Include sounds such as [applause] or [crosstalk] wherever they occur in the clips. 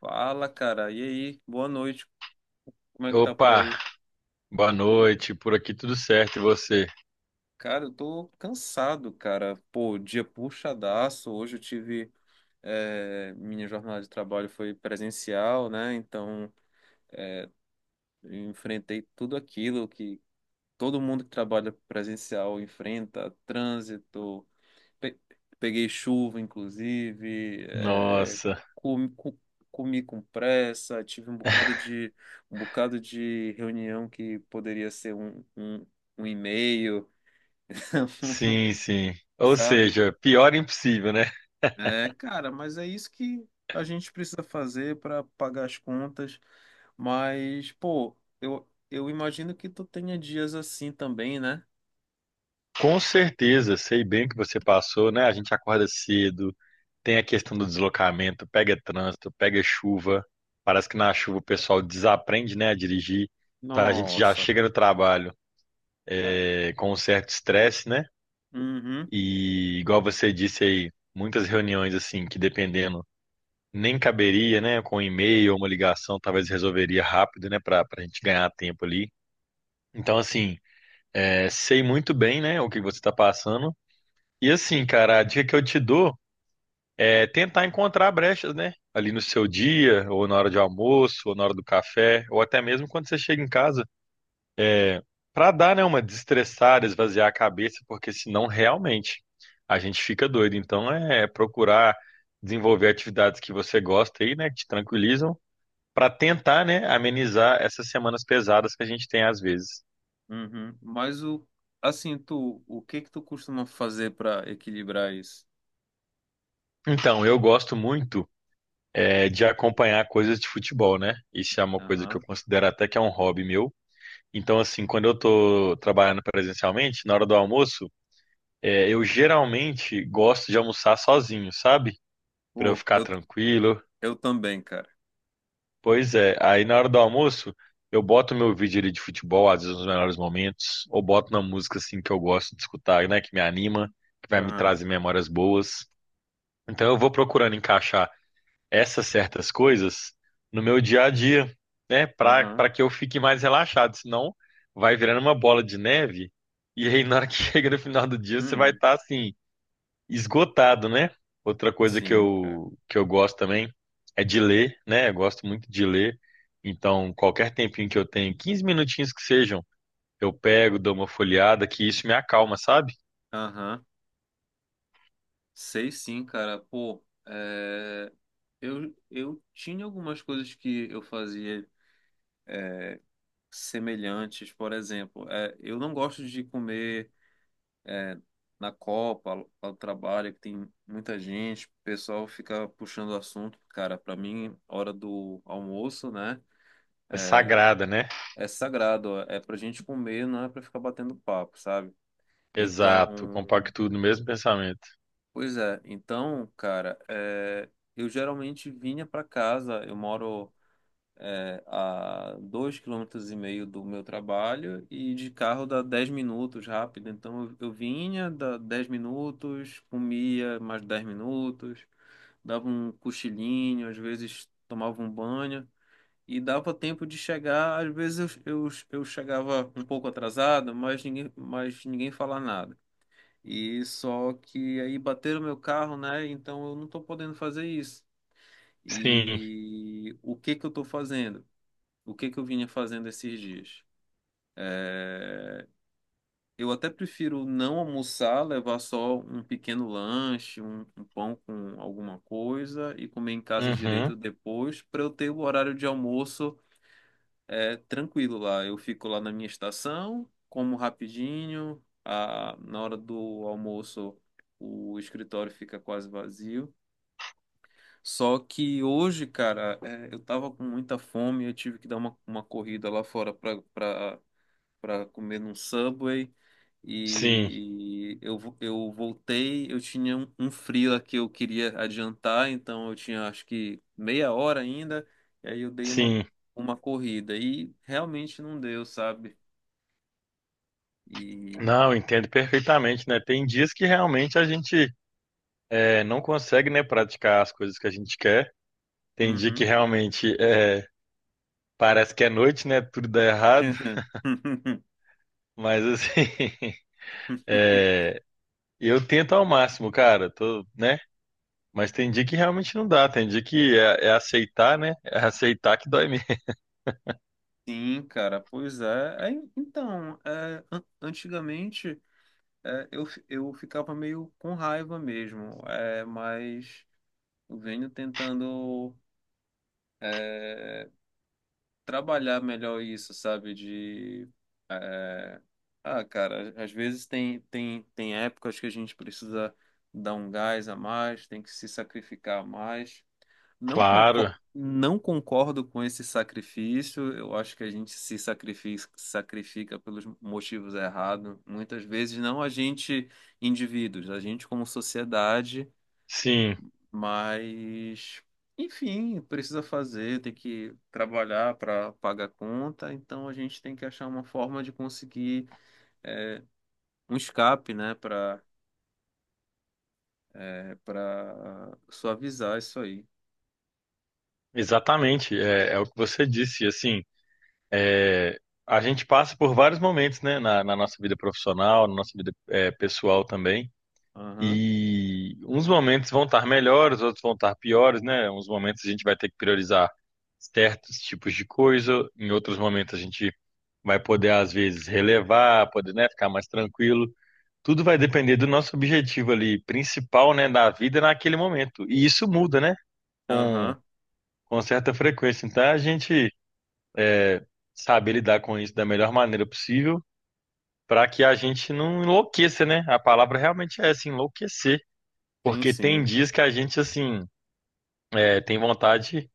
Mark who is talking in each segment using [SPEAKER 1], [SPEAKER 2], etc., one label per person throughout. [SPEAKER 1] Fala, cara. E aí? Boa noite. Como é que tá por
[SPEAKER 2] Opa,
[SPEAKER 1] aí?
[SPEAKER 2] boa noite. Por aqui tudo certo e você?
[SPEAKER 1] Cara, eu tô cansado, cara. Pô, dia puxadaço. Hoje eu tive. Minha jornada de trabalho foi presencial, né? Eu enfrentei tudo aquilo que todo mundo que trabalha presencial enfrenta: trânsito, Pe- peguei chuva, inclusive,
[SPEAKER 2] Nossa,
[SPEAKER 1] comi, co- comi com pressa, tive
[SPEAKER 2] [laughs]
[SPEAKER 1] um bocado de reunião que poderia ser um e-mail, [laughs]
[SPEAKER 2] sim, sim. Ou
[SPEAKER 1] sabe?
[SPEAKER 2] seja, pior impossível, né?
[SPEAKER 1] É, cara, mas é isso que a gente precisa fazer para pagar as contas. Mas, pô, eu imagino que tu tenha dias assim também, né?
[SPEAKER 2] Com certeza, sei bem o que você passou, né? A gente acorda cedo, tem a questão do deslocamento, pega trânsito, pega chuva. Parece que na chuva o pessoal desaprende, né, a dirigir. Então a gente já
[SPEAKER 1] Nossa,
[SPEAKER 2] chega no trabalho
[SPEAKER 1] cara.
[SPEAKER 2] com um certo estresse, né?
[SPEAKER 1] Uhum.
[SPEAKER 2] E igual você disse aí, muitas reuniões assim, que dependendo nem caberia, né? Com um e-mail ou uma ligação, talvez resolveria rápido, né? Para a gente ganhar tempo ali. Então, assim, sei muito bem, né, o que você está passando. E assim, cara, a dica que eu te dou é tentar encontrar brechas, né, ali no seu dia, ou na hora de almoço, ou na hora do café, ou até mesmo quando você chega em casa, para dar, né, uma desestressada, esvaziar a cabeça, porque senão realmente a gente fica doido. Então é procurar desenvolver atividades que você gosta aí, né, que te tranquilizam, para tentar, né, amenizar essas semanas pesadas que a gente tem às vezes.
[SPEAKER 1] Uhum. Mas o que que tu costuma fazer para equilibrar isso?
[SPEAKER 2] Então, eu gosto muito de acompanhar coisas de futebol, né? Isso é uma coisa que eu
[SPEAKER 1] Aham.
[SPEAKER 2] considero até que é um hobby meu. Então, assim, quando eu tô trabalhando presencialmente, na hora do almoço, eu geralmente gosto de almoçar sozinho, sabe? Para eu
[SPEAKER 1] Pô,
[SPEAKER 2] ficar
[SPEAKER 1] eu
[SPEAKER 2] tranquilo.
[SPEAKER 1] eu também, cara.
[SPEAKER 2] Pois é, aí na hora do almoço, eu boto meu vídeo ali de futebol, às vezes nos melhores momentos, ou boto uma música assim que eu gosto de escutar, né, que me anima, que vai me
[SPEAKER 1] Aham.
[SPEAKER 2] trazer memórias boas. Então eu vou procurando encaixar essas certas coisas no meu dia a dia, né? Para
[SPEAKER 1] Aham.
[SPEAKER 2] que eu fique mais relaxado, senão vai virando uma bola de neve, e aí na hora que [laughs] chega no final do dia você vai
[SPEAKER 1] Uhum.
[SPEAKER 2] estar assim esgotado, né? Outra coisa que
[SPEAKER 1] Sim, cara.
[SPEAKER 2] eu gosto também é de ler, né? Eu gosto muito de ler. Então, qualquer tempinho que eu tenho, 15 minutinhos que sejam, eu pego, dou uma folheada, que isso me acalma, sabe?
[SPEAKER 1] Aham. Sei sim, cara. Pô, é, eu tinha algumas coisas que eu fazia semelhantes, por exemplo, é, eu não gosto de comer na Copa, lá do trabalho, que tem muita gente, o pessoal fica puxando o assunto. Cara, pra mim, hora do almoço, né?
[SPEAKER 2] É sagrada, né?
[SPEAKER 1] É sagrado, ó, é pra gente comer, não é pra ficar batendo papo, sabe?
[SPEAKER 2] Exato,
[SPEAKER 1] Então,
[SPEAKER 2] compacto no mesmo pensamento.
[SPEAKER 1] pois é, então, cara, é, eu geralmente vinha pra casa, eu moro é, a 2 km e meio do meu trabalho e de carro dá 10 minutos rápido, então eu vinha, dá 10 minutos, comia mais 10 minutos, dava um cochilinho, às vezes tomava um banho e dava tempo de chegar. Às vezes eu chegava um pouco atrasado, mas ninguém falava nada. E só que aí bateram meu carro, né? Então eu não tô podendo fazer isso.
[SPEAKER 2] Sim.
[SPEAKER 1] E o que que eu tô fazendo? O que que eu vinha fazendo esses dias? Eh, eu até prefiro não almoçar, levar só um pequeno lanche, um pão com alguma coisa e comer em casa
[SPEAKER 2] Uhum.
[SPEAKER 1] direito depois, para eu ter o horário de almoço é, tranquilo lá. Eu fico lá na minha estação, como rapidinho, na hora do almoço o escritório fica quase vazio. Só que hoje, cara, é, eu tava com muita fome, eu tive que dar uma corrida lá fora para para comer num Subway
[SPEAKER 2] Sim,
[SPEAKER 1] e eu voltei, eu tinha um freela que eu queria adiantar, então eu tinha acho que meia hora ainda, e aí
[SPEAKER 2] sim.
[SPEAKER 1] uma corrida e realmente não deu, sabe? E
[SPEAKER 2] Não, eu entendo perfeitamente, né? Tem dias que realmente a gente não consegue, né, praticar as coisas que a gente quer. Tem dia que
[SPEAKER 1] uhum.
[SPEAKER 2] realmente parece que é noite, né? Tudo dá errado.
[SPEAKER 1] [laughs]
[SPEAKER 2] Mas assim, [laughs] é, eu tento ao máximo, cara. Tô, né? Mas tem dia que realmente não dá. Tem dia que é, é aceitar, né? É aceitar que dói mesmo. [laughs]
[SPEAKER 1] Sim, cara, pois é. Antigamente é, eu ficava meio com raiva mesmo, é, mas eu venho tentando é, trabalhar melhor isso, sabe? De, ah, cara, às vezes tem épocas que a gente precisa dar um gás a mais, tem que se sacrificar a mais. Não concordo,
[SPEAKER 2] Claro.
[SPEAKER 1] não concordo com esse sacrifício, eu acho que a gente se sacrifica, sacrifica pelos motivos errados. Muitas vezes, não a gente, indivíduos, a gente como sociedade.
[SPEAKER 2] Sim,
[SPEAKER 1] Mas, enfim, precisa fazer, tem que trabalhar para pagar a conta, então a gente tem que achar uma forma de conseguir um escape, né, para é, para suavizar isso aí.
[SPEAKER 2] exatamente. É, é o que você disse. Assim. É, a gente passa por vários momentos, né, na nossa vida profissional, na nossa vida, é, pessoal também.
[SPEAKER 1] Aham,
[SPEAKER 2] E uns momentos vão estar melhores, outros vão estar piores, né? Uns momentos a gente vai ter que priorizar certos tipos de coisa, em outros momentos a gente vai poder, às vezes, relevar, poder, né, ficar mais tranquilo. Tudo vai depender do nosso objetivo ali principal, né, da vida naquele momento. E isso muda, né, com,
[SPEAKER 1] aham,
[SPEAKER 2] com certa frequência. Então a gente, é, saber lidar com isso da melhor maneira possível, para que a gente não enlouqueça, né? A palavra realmente é essa, enlouquecer.
[SPEAKER 1] sim,
[SPEAKER 2] Porque tem
[SPEAKER 1] sim,
[SPEAKER 2] dias que a gente, assim, tem vontade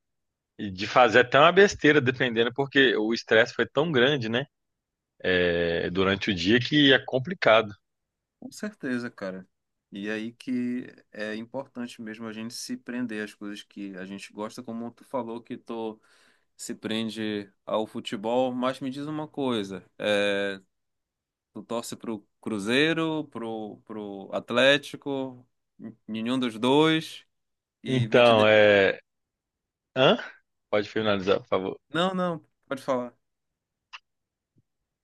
[SPEAKER 2] de fazer até uma besteira, dependendo, porque o estresse foi tão grande, né? É durante o dia que é complicado.
[SPEAKER 1] com certeza, cara. E aí que é importante mesmo a gente se prender às coisas que a gente gosta, como tu falou que tu se prende ao futebol, mas me diz uma coisa, eh, tu torce pro Cruzeiro, pro Atlético, nenhum dos dois, e vem te...
[SPEAKER 2] Então,
[SPEAKER 1] de-
[SPEAKER 2] é. Hã? Pode finalizar, por favor.
[SPEAKER 1] Não, não, pode falar.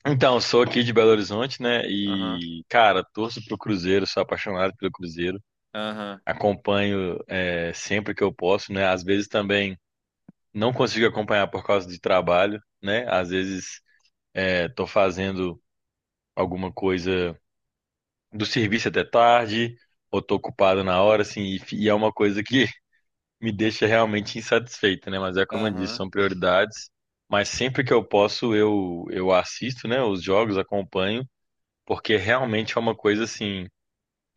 [SPEAKER 2] Então, sou aqui de Belo Horizonte, né?
[SPEAKER 1] Aham,
[SPEAKER 2] E, cara, torço pro Cruzeiro, sou apaixonado pelo Cruzeiro.
[SPEAKER 1] aham,
[SPEAKER 2] Acompanho sempre que eu posso, né? Às vezes também não consigo acompanhar por causa de trabalho, né? Às vezes tô fazendo alguma coisa do serviço até tarde, ou tô ocupado na hora, assim, e, e é uma coisa que [laughs] me deixa realmente insatisfeito, né? Mas é como eu disse,
[SPEAKER 1] aham,
[SPEAKER 2] são prioridades. Mas sempre que eu posso, eu assisto, né, os jogos, acompanho. Porque realmente é uma coisa assim,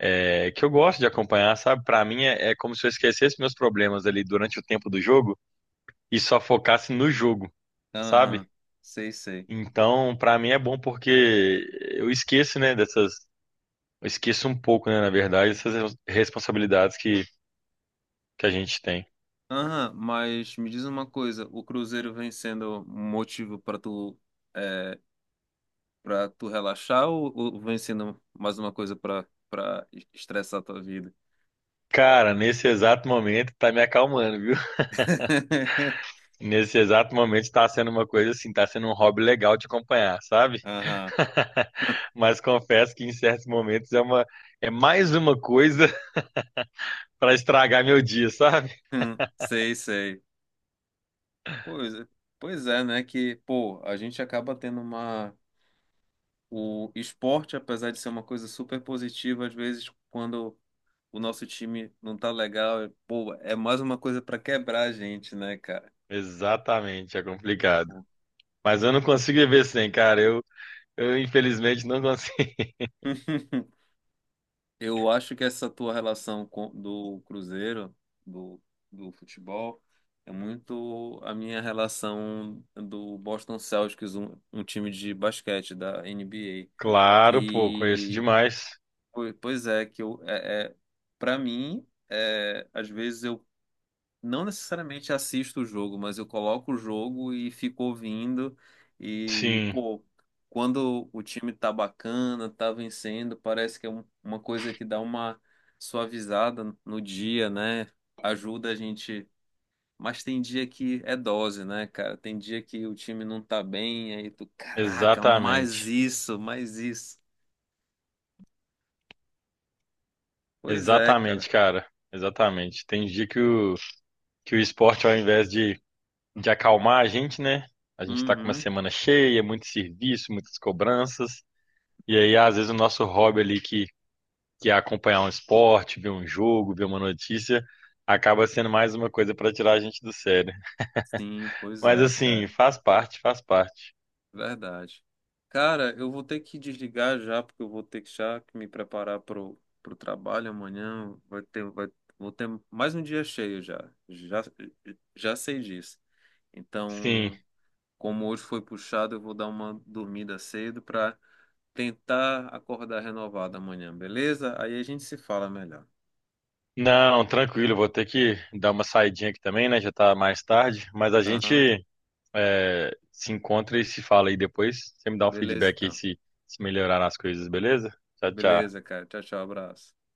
[SPEAKER 2] é, que eu gosto de acompanhar, sabe? Pra mim é, é como se eu esquecesse meus problemas ali durante o tempo do jogo e só focasse no jogo, sabe?
[SPEAKER 1] aham, sei, sei.
[SPEAKER 2] Então, pra mim é bom porque eu esqueço, né, dessas, eu esqueço um pouco, né, na verdade, essas responsabilidades que a gente tem.
[SPEAKER 1] Aham, mas me diz uma coisa, o Cruzeiro vem sendo um motivo para tu, é, para tu relaxar ou vem sendo mais uma coisa para para estressar a tua vida?
[SPEAKER 2] Cara, nesse exato momento tá me acalmando, viu? [laughs]
[SPEAKER 1] [laughs]
[SPEAKER 2] Nesse exato momento tá sendo uma coisa assim, tá sendo um hobby legal de acompanhar, sabe?
[SPEAKER 1] Aham,
[SPEAKER 2] [laughs] Mas confesso que em certos momentos é uma é mais uma coisa [laughs] pra estragar meu dia, sabe?
[SPEAKER 1] sei, sei. Pois é, pois é, né? Que, pô, a gente acaba tendo uma. O esporte, apesar de ser uma coisa super positiva, às vezes, quando o nosso time não tá legal, é- pô, é mais uma coisa pra quebrar a gente, né, cara?
[SPEAKER 2] Exatamente, é complicado. Mas eu não consigo viver sem, cara. Eu, infelizmente, não consegui. [laughs]
[SPEAKER 1] [laughs] Eu acho que essa tua relação com, do Cruzeiro, do, do futebol, é muito a minha relação do Boston Celtics, um time de basquete da NBA.
[SPEAKER 2] Claro, pô, conheço
[SPEAKER 1] Que
[SPEAKER 2] demais.
[SPEAKER 1] Que eu, é, é, para mim, é, às vezes eu não necessariamente assisto o jogo, mas eu coloco o jogo e fico ouvindo. E,
[SPEAKER 2] Sim,
[SPEAKER 1] pô, quando o time tá bacana, tá vencendo, parece que uma coisa que dá uma suavizada no dia, né? Ajuda a gente. Mas tem dia que é dose, né, cara? Tem dia que o time não tá bem, aí tu, caraca, mais
[SPEAKER 2] exatamente.
[SPEAKER 1] isso, mais isso. Pois é,
[SPEAKER 2] Exatamente,
[SPEAKER 1] cara.
[SPEAKER 2] cara. Exatamente. Tem dia que que o esporte, ao invés de acalmar a gente, né? A gente tá com uma
[SPEAKER 1] Uhum.
[SPEAKER 2] semana cheia, muito serviço, muitas cobranças. E aí, às vezes, o nosso hobby ali, que é acompanhar um esporte, ver um jogo, ver uma notícia, acaba sendo mais uma coisa pra tirar a gente do sério.
[SPEAKER 1] Sim, pois
[SPEAKER 2] Mas,
[SPEAKER 1] é,
[SPEAKER 2] assim,
[SPEAKER 1] cara.
[SPEAKER 2] faz parte, faz parte.
[SPEAKER 1] Verdade. Cara, eu vou ter que desligar já, porque eu vou ter que já que me preparar pro, pro trabalho amanhã. Vou ter mais um dia cheio já. Já sei disso.
[SPEAKER 2] Sim.
[SPEAKER 1] Então, como hoje foi puxado, eu vou dar uma dormida cedo para tentar acordar renovado amanhã, beleza? Aí a gente se fala melhor.
[SPEAKER 2] Não, tranquilo, vou ter que dar uma saidinha aqui também, né? Já tá mais tarde, mas a
[SPEAKER 1] Aham.
[SPEAKER 2] gente, se encontra e se fala aí depois. Você me dá um
[SPEAKER 1] Beleza,
[SPEAKER 2] feedback aí
[SPEAKER 1] então.
[SPEAKER 2] se melhorar as coisas, beleza? Tchau, tchau.
[SPEAKER 1] Beleza, cara. Tchau, tchau, abraço.